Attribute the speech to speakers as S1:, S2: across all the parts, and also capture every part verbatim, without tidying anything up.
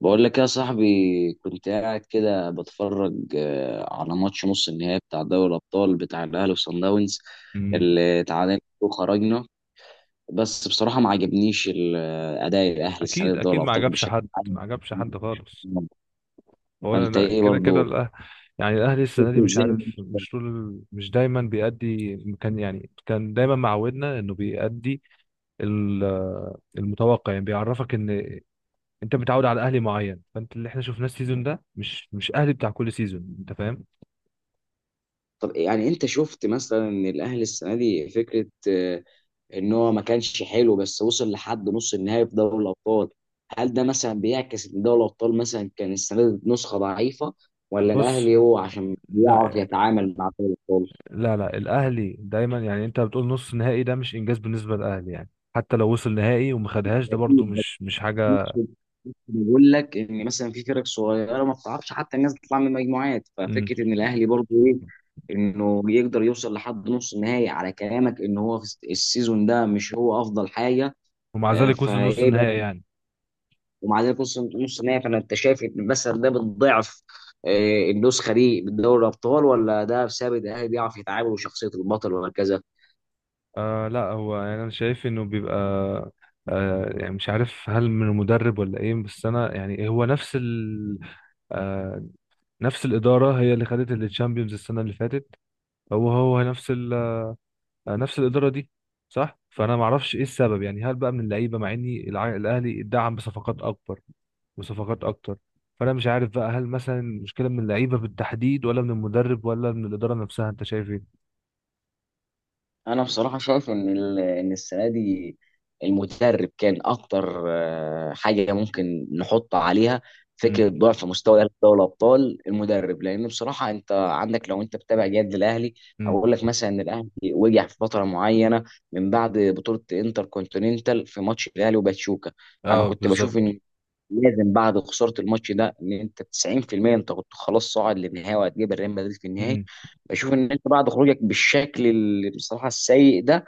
S1: بقول لك يا صاحبي، كنت قاعد كده بتفرج آه، على ماتش نص النهائي بتاع دوري الأبطال بتاع الأهلي وصن داونز
S2: مم.
S1: اللي تعادلنا وخرجنا. بس بصراحة ما عجبنيش ال- آه، أداء الأهلي السنة دي
S2: اكيد
S1: في دوري
S2: اكيد ما
S1: الأبطال
S2: عجبش
S1: بشكل
S2: حد،
S1: عام.
S2: ما عجبش حد خالص. هو
S1: فأنت
S2: لا-
S1: إيه
S2: كده كده
S1: برضه،
S2: الأه- يعني الاهلي السنه
S1: شفت
S2: دي مش
S1: إزاي
S2: عارف،
S1: الماتش ده؟
S2: مش طول مش دايما بيأدي. كان يعني كان دايما معودنا انه بيأدي ال- المتوقع، يعني بيعرفك ان انت متعود على اهلي معين، فانت اللي احنا شفناه السيزون ده مش مش اهلي بتاع كل سيزون، انت فاهم؟
S1: طب يعني أنت شفت مثلا إن الأهلي السنة دي فكرة آه، ان هو ما كانش حلو بس وصل لحد نص النهائي في دوري الابطال. هل ده مثلا بيعكس ان دوري الابطال مثلا كان السنه دي نسخه ضعيفه، ولا
S2: بص،
S1: الاهلي هو عشان بيعرف
S2: لا
S1: يتعامل مع دوري الابطال؟
S2: لا لا، الاهلي دايما، يعني انت بتقول نص نهائي ده مش انجاز بالنسبه للاهلي، يعني. حتى لو وصل نهائي وما خدهاش ده برضو
S1: اكيد، بس
S2: مش مش
S1: في
S2: حاجه،
S1: نفس الوقت بقول لك ان مثلا في فرق صغيره ما بتعرفش حتى الناس تطلع من المجموعات، ففكره ان الاهلي برضه ايه، انه يقدر يوصل لحد نص النهائي على كلامك ان هو في السيزون ده مش هو افضل حاجه.
S2: ومع
S1: آه،
S2: ذلك وصل نص
S1: فايه بقى،
S2: النهائي يعني.
S1: ومع ذلك نص نص نهائي. فانا انت شايف ان مثلا ده بتضعف آه، النسخه دي من دوري الابطال، ولا ده بسبب ان الاهلي بيعرف يتعامل وشخصيه البطل وهكذا؟
S2: آه لا، هو يعني انا شايف انه بيبقى، آه يعني مش عارف هل من المدرب ولا ايه. بس انا يعني هو نفس ال آه نفس الاداره هي اللي خدت الشامبيونز السنه اللي فاتت. هو هو نفس ال آه نفس الاداره دي، صح. فانا ما اعرفش ايه السبب، يعني هل بقى من اللعيبه، مع اني الع- الاهلي اتدعم بصفقات اكبر وصفقات اكتر. فانا مش عارف بقى، هل مثلا المشكله من اللعيبه بالتحديد، ولا من المدرب، ولا من الاداره نفسها؟ انت شايف ايه؟
S1: انا بصراحه شايف ان ال- ان السنه دي المدرب كان اكتر آه، حاجه ممكن نحط عليها فكره ضعف مستوى الاهلي في دوري الابطال، المدرب، لان بصراحه انت عندك لو انت بتابع جد الاهلي
S2: مم.
S1: هقول لك مثلا ان الاهلي وجع في فتره معينه من بعد بطوله انتر كونتيننتال في ماتش الاهلي وباتشوكا. انا
S2: اه،
S1: كنت
S2: بالظبط.
S1: بشوف ان لازم بعد خساره الماتش ده ان انت تسعين في المية انت كنت خلاص صاعد للنهائي وهتجيب الريال مدريد في النهائي.
S2: امم
S1: بشوف ان انت بعد خروجك بالشكل اللي بصراحه السيء ده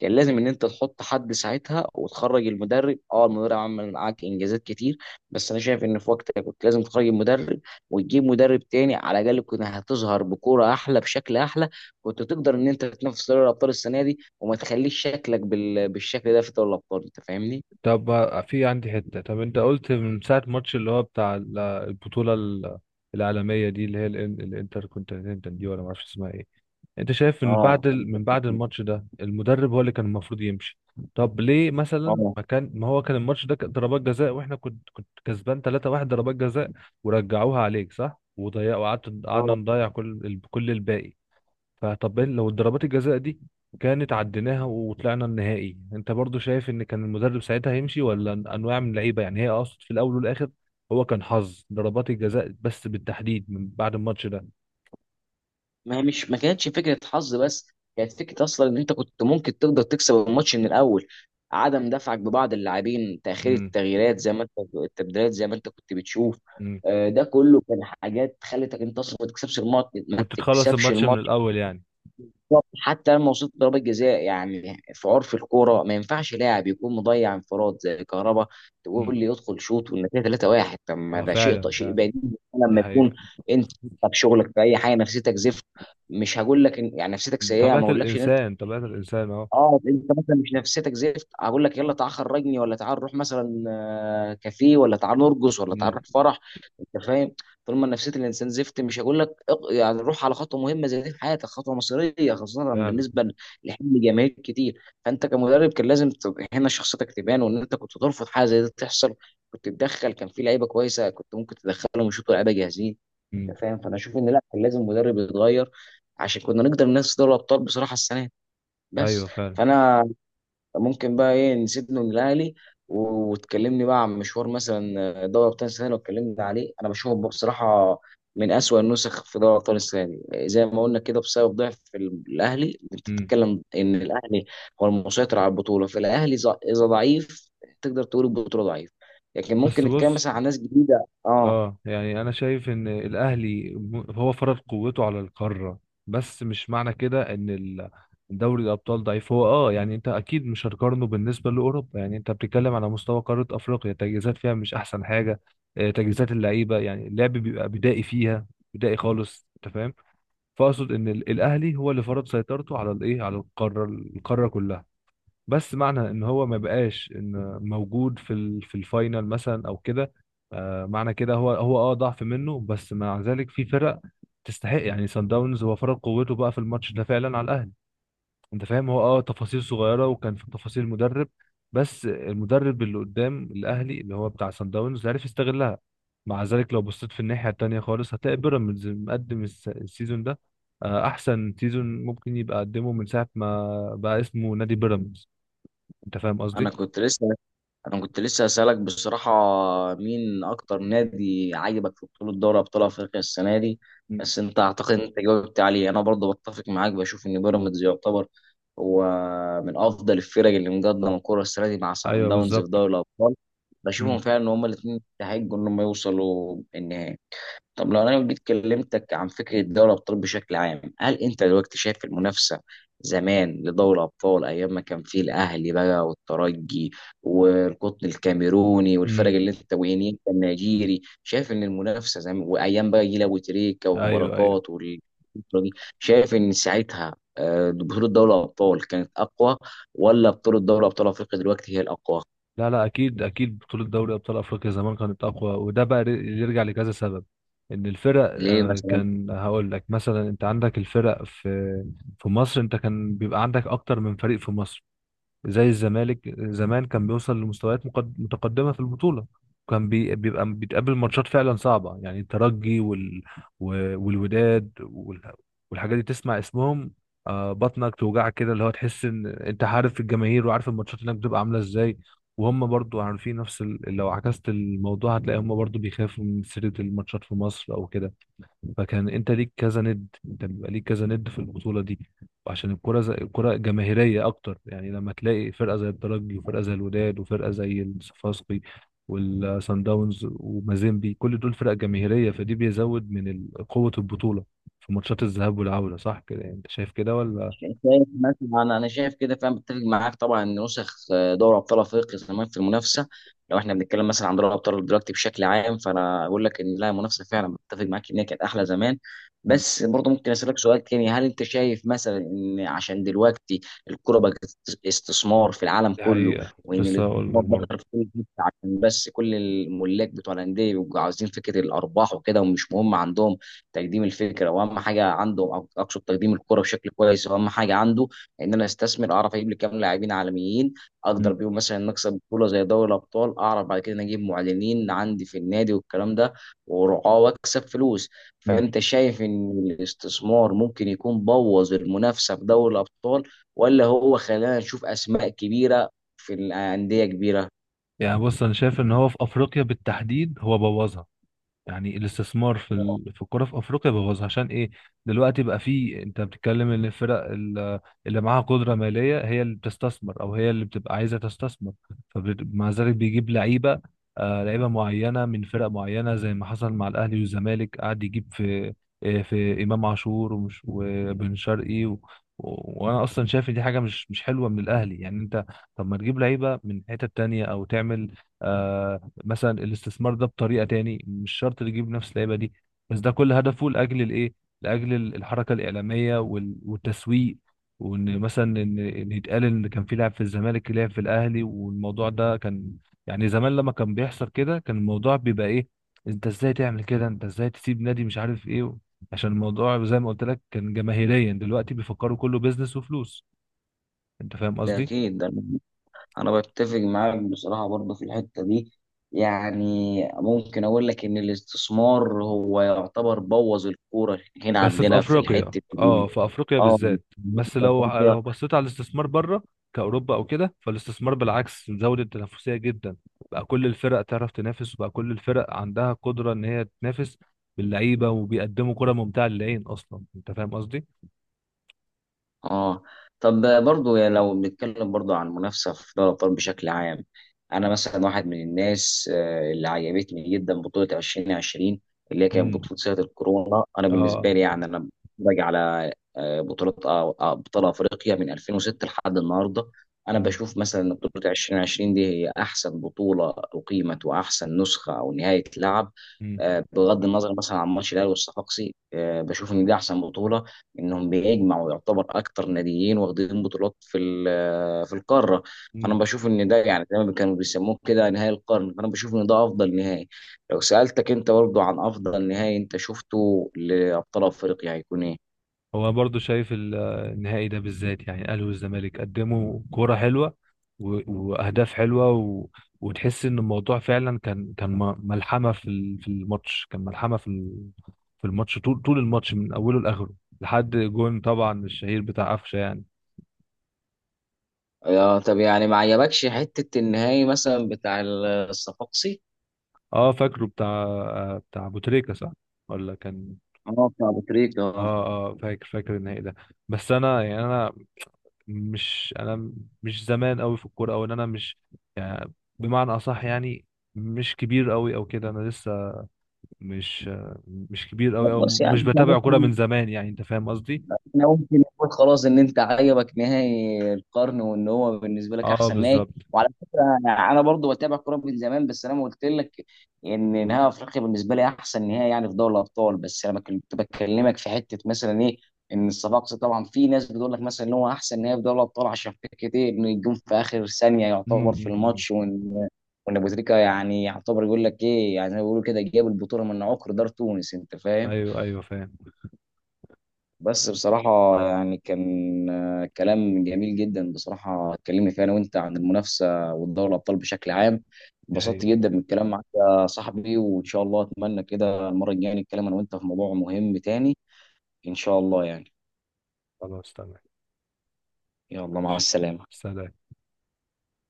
S1: كان لازم ان انت تحط حد ساعتها وتخرج المدرب. اه المدرب عمل معاك انجازات كتير، بس انا شايف ان في وقتها كنت لازم تخرج المدرب وتجيب مدرب تاني. على الاقل كنت هتظهر بكوره احلى، بشكل احلى، كنت تقدر ان انت تنافس دوري الابطال السنه دي وما تخليش شكلك بال... بالشكل ده في دوري الابطال. انت فاهمني؟
S2: طب بقى في عندي حتة. طب انت قلت من ساعة الماتش اللي هو بتاع ال- البطولة ال- العالمية دي، اللي هي الانتر كونتيننتال دي، ولا معرفش اسمها ايه. انت شايف من بعد
S1: اه.
S2: ال- من بعد الماتش ده المدرب هو اللي كان المفروض يمشي؟ طب ليه مثلا؟
S1: اه.
S2: ما كان ما هو كان الماتش ده كان ضربات جزاء، واحنا كنت كنت كسبان ثلاثه واحد ضربات جزاء، ورجعوها عليك، صح، وضيع. وقعدت قعدنا
S1: اه.
S2: نضيع كل ال- كل الباقي. فطب إيه لو ضربات الجزاء دي كانت عديناها وطلعنا النهائي؟ انت برضو شايف ان كان المدرب ساعتها هيمشي، ولا انواع من اللعيبه يعني؟ هي اقصد في الاول والاخر هو كان حظ ضربات الجزاء بس، بالتحديد من بعد الماتش ده.
S1: ما هي مش ما كانتش فكره حظ بس، كانت فكره اصلا ان انت كنت ممكن تقدر تكسب الماتش من الاول. عدم دفعك ببعض اللاعبين، تاخير
S2: امم.
S1: التغييرات زي ما انت، التبديلات زي ما انت كنت بتشوف.
S2: امم.
S1: آه، ده كله كان حاجات خلتك انت اصلا ما تكسبش الماتش، ما
S2: كنت تخلص
S1: تكسبش
S2: الماتش من
S1: الماتش.
S2: الاول يعني.
S1: بالظبط. حتى لما وصلت ضربة جزاء يعني في عرف الكورة ما ينفعش لاعب يكون مضيع انفراد زي كهربا
S2: امم.
S1: تقول لي يدخل شوط والنتيجة ثلاثة واحد. طب ما
S2: اه،
S1: ده شيء
S2: فعلا،
S1: شيء
S2: فعلا.
S1: بديهي
S2: دي
S1: لما يكون
S2: حقيقه.
S1: انت في شغلك في اي حاجة نفسيتك زفت. مش هقول لك إن يعني نفسيتك سيئة،
S2: طبيعه
S1: ما اقولكش ان
S2: الانسان، طبيعه الانسان، اه.
S1: اه انت مثلا مش نفسيتك زفت اقول لك يلا تعال خرجني، ولا تعال نروح مثلا آه، كافيه، ولا تعال نرقص، ولا تعال نروح
S2: امم.
S1: فرح. انت فاهم، طول ما نفسيه الانسان زفت مش هقول لك اق- يعني روح على خطوه مهمه زي دي في حياتك، خطوه مصيريه خاصه
S2: فعلا.
S1: بالنسبه لحلم جماهير كتير. فانت كمدرب كان لازم تبقى هنا شخصيتك تبان، وان انت كنت ترفض حاجه زي دي تحصل. كنت تدخل، كان في لعيبه كويسه كنت ممكن تدخلهم ويشوطوا لعيبه جاهزين. انت
S2: امم.
S1: فاهم، فانا اشوف ان لا، كان لازم مدرب يتغير عشان كنا نقدر ننافس دوري الابطال بصراحه السنه، بس.
S2: ايوه، فعلا.
S1: فانا ممكن بقى ايه نسيبنا من الاهلي وتكلمني بقى عن مشوار مثلا آه، دوري ابطال السنه اللي اتكلمنا عليه. انا بشوفه بصراحه من اسوأ النسخ في دوري ابطال السنه دي آه، زي ما قلنا كده بسبب ضعف الاهلي. انت
S2: امم.
S1: بتتكلم ان الاهلي هو المسيطر على البطوله، فالاهلي ز- اذا ضعيف تقدر تقول البطوله ضعيف. لكن ممكن
S2: بس
S1: نتكلم
S2: بص،
S1: مثلا عن ناس جديده. اه
S2: اه يعني انا شايف ان الاهلي م- هو فرض قوته على القاره، بس مش معنى كده ان ال- دوري الابطال ضعيف. هو اه يعني انت اكيد مش هتقارنه بالنسبه لاوروبا يعني، انت بتتكلم على مستوى قاره افريقيا، تجهيزات فيها مش احسن حاجه. آه، تجهيزات اللعيبه، يعني اللعب بيبقى بدائي فيها، بدائي خالص، انت فاهم. فاقصد ان ال- الاهلي هو اللي فرض سيطرته على الايه، على القاره القاره كلها. بس معنى ان هو ما بقاش ان موجود في ال- في الفاينل مثلا او كده، آه، معنى كده هو هو اه ضعف منه. بس مع ذلك في فرق تستحق يعني. سان داونز هو فرق قوته بقى في الماتش ده فعلا على الاهلي، انت فاهم. هو اه تفاصيل صغيره، وكان في تفاصيل مدرب. بس المدرب اللي قدام الاهلي اللي هو بتاع سان داونز عرف يستغلها. مع ذلك لو بصيت في الناحيه التانيه خالص هتلاقي بيراميدز مقدم الس- السيزون ده، آه، احسن سيزون ممكن يبقى قدمه من ساعه ما بقى اسمه نادي بيراميدز، انت فاهم قصدي.
S1: انا كنت لسه، انا كنت لسه اسالك بصراحه مين اكتر نادي عاجبك في بطوله دوري ابطال افريقيا السنه دي؟
S2: مم.
S1: بس انت اعتقد انت جاوبت عليه. انا برضه بتفق معاك، بشوف ان بيراميدز يعتبر هو من افضل الفرق اللي مقدمه الكره السنه دي مع سان
S2: ايوه،
S1: داونز في
S2: بالظبط.
S1: دوري الابطال. بشوفهم
S2: مم.
S1: فعلا ان هما الاثنين يستحقوا ان هم يوصلوا النهائي. طب لو انا جيت كلمتك عن فكره دوري الابطال بشكل عام، هل انت دلوقتي شايف المنافسه زمان لدوري الابطال ايام ما كان فيه الاهلي بقى، والترجي، والقطن الكاميروني، والفرق
S2: مم.
S1: اللي انت ويني انت النيجيري، شايف ان المنافسه زمان، وايام بقى جيل ابو تريكه
S2: ايوه، ايوه.
S1: وبركات وال- الفترة دي، شايف ان ساعتها آه، بطوله دوري الابطال كانت اقوى، ولا بطوله دوري ابطال افريقيا دلوقتي هي الاقوى؟
S2: لا لا، اكيد اكيد بطوله دوري ابطال افريقيا زمان كانت اقوى، وده بقى ر- يرجع لكذا سبب. ان الفرق،
S1: ليه
S2: آه،
S1: مثلا؟
S2: كان هقول لك مثلا، انت عندك الفرق في، في مصر انت كان بيبقى عندك اكتر من فريق في مصر. زي الزمالك زمان كان بيوصل لمستويات مقد- متقدمة في البطولة، كان بي- بيبقى بيتقابل ماتشات فعلا صعبة يعني. الترجي وال... و- والوداد وال... والحاجات دي تسمع اسمهم، آه، بطنك توجعك كده. اللي هو تحس ان انت عارف الجماهير، وعارف الماتشات هناك بتبقى عاملة ازاي. وهم برضو عارفين نفس ال... لو عكست الموضوع هتلاقي هم برضو بيخافوا من سيرة الماتشات في مصر او كده. فكان انت ليك كذا ند، انت بيبقى ليك كذا ند في البطوله دي. وعشان الكره زي الكره جماهيريه اكتر، يعني لما تلاقي فرقه زي الترجي وفرقه زي الوداد وفرقه زي الصفاقسي والسان داونز ومازيمبي، كل دول فرق جماهيريه، فدي بيزود من ال- قوه البطوله في ماتشات الذهاب والعوده، صح كده؟ يعني انت شايف كده ولا؟
S1: شايف مثلا انا، أنا شايف كده، فاهم، بتفق معاك طبعا ان نسخ آه، دوري ابطال افريقيا زمان في المنافسه، لو احنا بنتكلم مثلا عن دوري ابطال دلوقتي بشكل عام، فانا اقول لك ان لا، منافسه فعلا بتفق معاك ان هي كانت احلى زمان.
S2: مم.
S1: بس برضه ممكن اسالك سؤال تاني، هل انت شايف مثلا ان عشان دلوقتي الكوره بقت است- استثمار في العالم
S2: دي
S1: كله،
S2: حقيقه،
S1: وان
S2: لسه
S1: الاستثمار
S2: هقول لك
S1: بقى
S2: برضه.
S1: في كل حته، عشان بس كل الملاك بتوع الانديه بيبقوا عاوزين فكره الارباح وكده، ومش مهم عندهم تقديم الفكره، واهم حاجه عنده أق- اقصد تقديم الكره بشكل كويس، واهم حاجه عنده ان انا استثمر، اعرف اجيب لي كام لاعبين عالميين، اقدر
S2: مم.
S1: بيهم مثلا نكسب بطوله زي دوري الابطال، اعرف بعد كده إن اجيب معلنين عندي في النادي والكلام ده، ورعاه، واكسب فلوس.
S2: مم.
S1: فانت شايف ان الاستثمار ممكن يكون بوظ المنافسه في دوري الابطال، ولا هو خلانا نشوف اسماء كبيره في الانديه كبيره؟
S2: يعني بص، انا شايف ان هو في افريقيا بالتحديد هو بوظها. يعني الاستثمار في ال... في الكرة في افريقيا بوظ، عشان ايه؟ دلوقتي بقى في، انت بتتكلم ان الفرق ال- اللي معاها قدرة مالية هي اللي بتستثمر، او هي اللي بتبقى عايزة تستثمر. فمع ذلك بيجيب لعيبة، آه لعيبة معينة من فرق معينة، زي ما حصل مع الاهلي والزمالك، قعد يجيب في، آه، في امام عاشور ومش وبن شرقي و... و- وانا اصلا شايف ان دي حاجه مش مش حلوه من الاهلي، يعني انت، طب ما تجيب لعيبه من حته تانية، او تعمل، آه، مثلا الاستثمار ده بطريقه تاني، مش شرط اللي يجيب نفس اللعيبه دي. بس ده كل هدفه لاجل الايه، لاجل الحركه الاعلاميه وال- والتسويق، وان مثلا ان إن يتقال ان كان في لاعب في الزمالك لعب في الاهلي. والموضوع ده كان، يعني زمان لما كان بيحصل كده كان الموضوع بيبقى ايه؟ انت ازاي تعمل كده، انت ازاي تسيب نادي مش عارف ايه؟ عشان الموضوع زي ما قلت لك كان جماهيريا، دلوقتي بيفكروا كله بيزنس وفلوس، انت فاهم
S1: ده
S2: قصدي.
S1: اكيد، ده انا بتفق معاك بصراحه برضه في الحته دي. يعني ممكن اقول لك ان الاستثمار هو يعتبر بوظ الكوره هنا
S2: بس في
S1: عندنا في
S2: افريقيا،
S1: الحته
S2: اه،
S1: دي.
S2: في افريقيا
S1: اه.
S2: بالذات. بس لو لو بصيت على الاستثمار بره، كاوروبا او كده، فالاستثمار بالعكس زود التنافسيه جدا، بقى كل الفرق تعرف تنافس، وبقى كل الفرق عندها قدره ان هي تنافس باللعيبه، وبيقدموا كره ممتعه للعين اصلا، انت فاهم قصدي.
S1: اه. طب برضو يعني لو بنتكلم برضو عن المنافسه في دوري الابطال بشكل عام، انا مثلا واحد من الناس آه، اللي عجبتني جدا بطوله ألفين وعشرين اللي هي كانت
S2: امم.
S1: بطوله سنه الكورونا. انا
S2: اه.
S1: بالنسبه لي يعني انا بتفرج على آه، بطوله آه، آه، ابطال افريقيا من ألفين وستة لحد النهارده، انا بشوف مثلا ان بطوله ألفين وعشرين دي هي احسن بطوله اقيمت، واحسن نسخه او نهايه لعب آه، بغض النظر مثلا عن ماتش الاهلي والصفاقسي. آه، بشوف ان دي احسن بطوله انهم بيجمعوا يعتبر اكتر ناديين واخدين بطولات في ال- في القاره. فانا
S2: امم.
S1: بشوف ان ده يعني زي ما كانوا بيسموه كده نهائي القرن، فانا بشوف ان ده افضل نهائي. لو سالتك انت برضه عن افضل نهائي انت شفته لابطال افريقيا هيكون ايه؟
S2: هو برضو شايف ال- النهائي ده بالذات، يعني الاهلي والزمالك قدموا كوره حلوه و- واهداف حلوه و... وتحس ان الموضوع فعلا كان كان م- ملحمه في ال- في الماتش، كان ملحمه في ال- في الماتش طول طول الماتش من اوله لاخره، لحد جون طبعا الشهير بتاع قفشه يعني.
S1: آه طب يعني ما عجبكش حته النهائي مثلا بتاع الصفاقسي؟
S2: اه، فاكره بتاع بتاع ابو تريكه، صح ولا كان؟
S1: اه بتاع ابو تريكة اه.
S2: اه. اه، فاكر فاكر النهائي ده. بس انا يعني انا مش انا مش زمان قوي في الكوره، او ان انا مش يعني، بمعنى اصح يعني مش كبير قوي او كده. انا لسه مش مش كبير قوي، او
S1: بس يعني
S2: مش بتابع كوره من زمان، يعني انت فاهم قصدي.
S1: احنا ممكن نقول خلاص ان انت عجبك نهائي القرن وان هو بالنسبه لك
S2: اه،
S1: احسن نهائي.
S2: بالظبط.
S1: وعلى فكره انا، أنا برضو بتابع كوره من زمان، بس انا ما قلت لك ان نهائي افريقيا بالنسبه لي احسن نهائي يعني في دوري الابطال. بس انا كنت بكلمك في حته مثلا ايه، ان الصفاقسي طبعا في ناس بتقول لك مثلا ان هو احسن نهائي في دوري الابطال عشان فكره ايه، انه يجون في اخر ثانيه
S2: امم.
S1: يعتبر
S2: أمم،
S1: في
S2: أمم.
S1: الماتش، وان وان ابو تريكه يعني يعتبر يقول لك ايه، يعني زي ما بيقولوا كده جاب البطوله من عقر دار تونس، انت فاهم.
S2: ايوه ايوه، فاهم.
S1: بس بصراحة يعني كان آه، كلام جميل جدا بصراحة اتكلمنا فيه أنا وأنت عن المنافسة والدوري الأبطال بشكل عام.
S2: دي
S1: اتبسطت
S2: حقيقة.
S1: جدا من الكلام معاك يا صاحبي، وإن شاء الله أتمنى كده المرة الجاية نتكلم أنا وأنت في موضوع مهم تاني، إن شاء الله يعني.
S2: خلاص تمام.
S1: يلا، مع السلامة.
S2: سلام.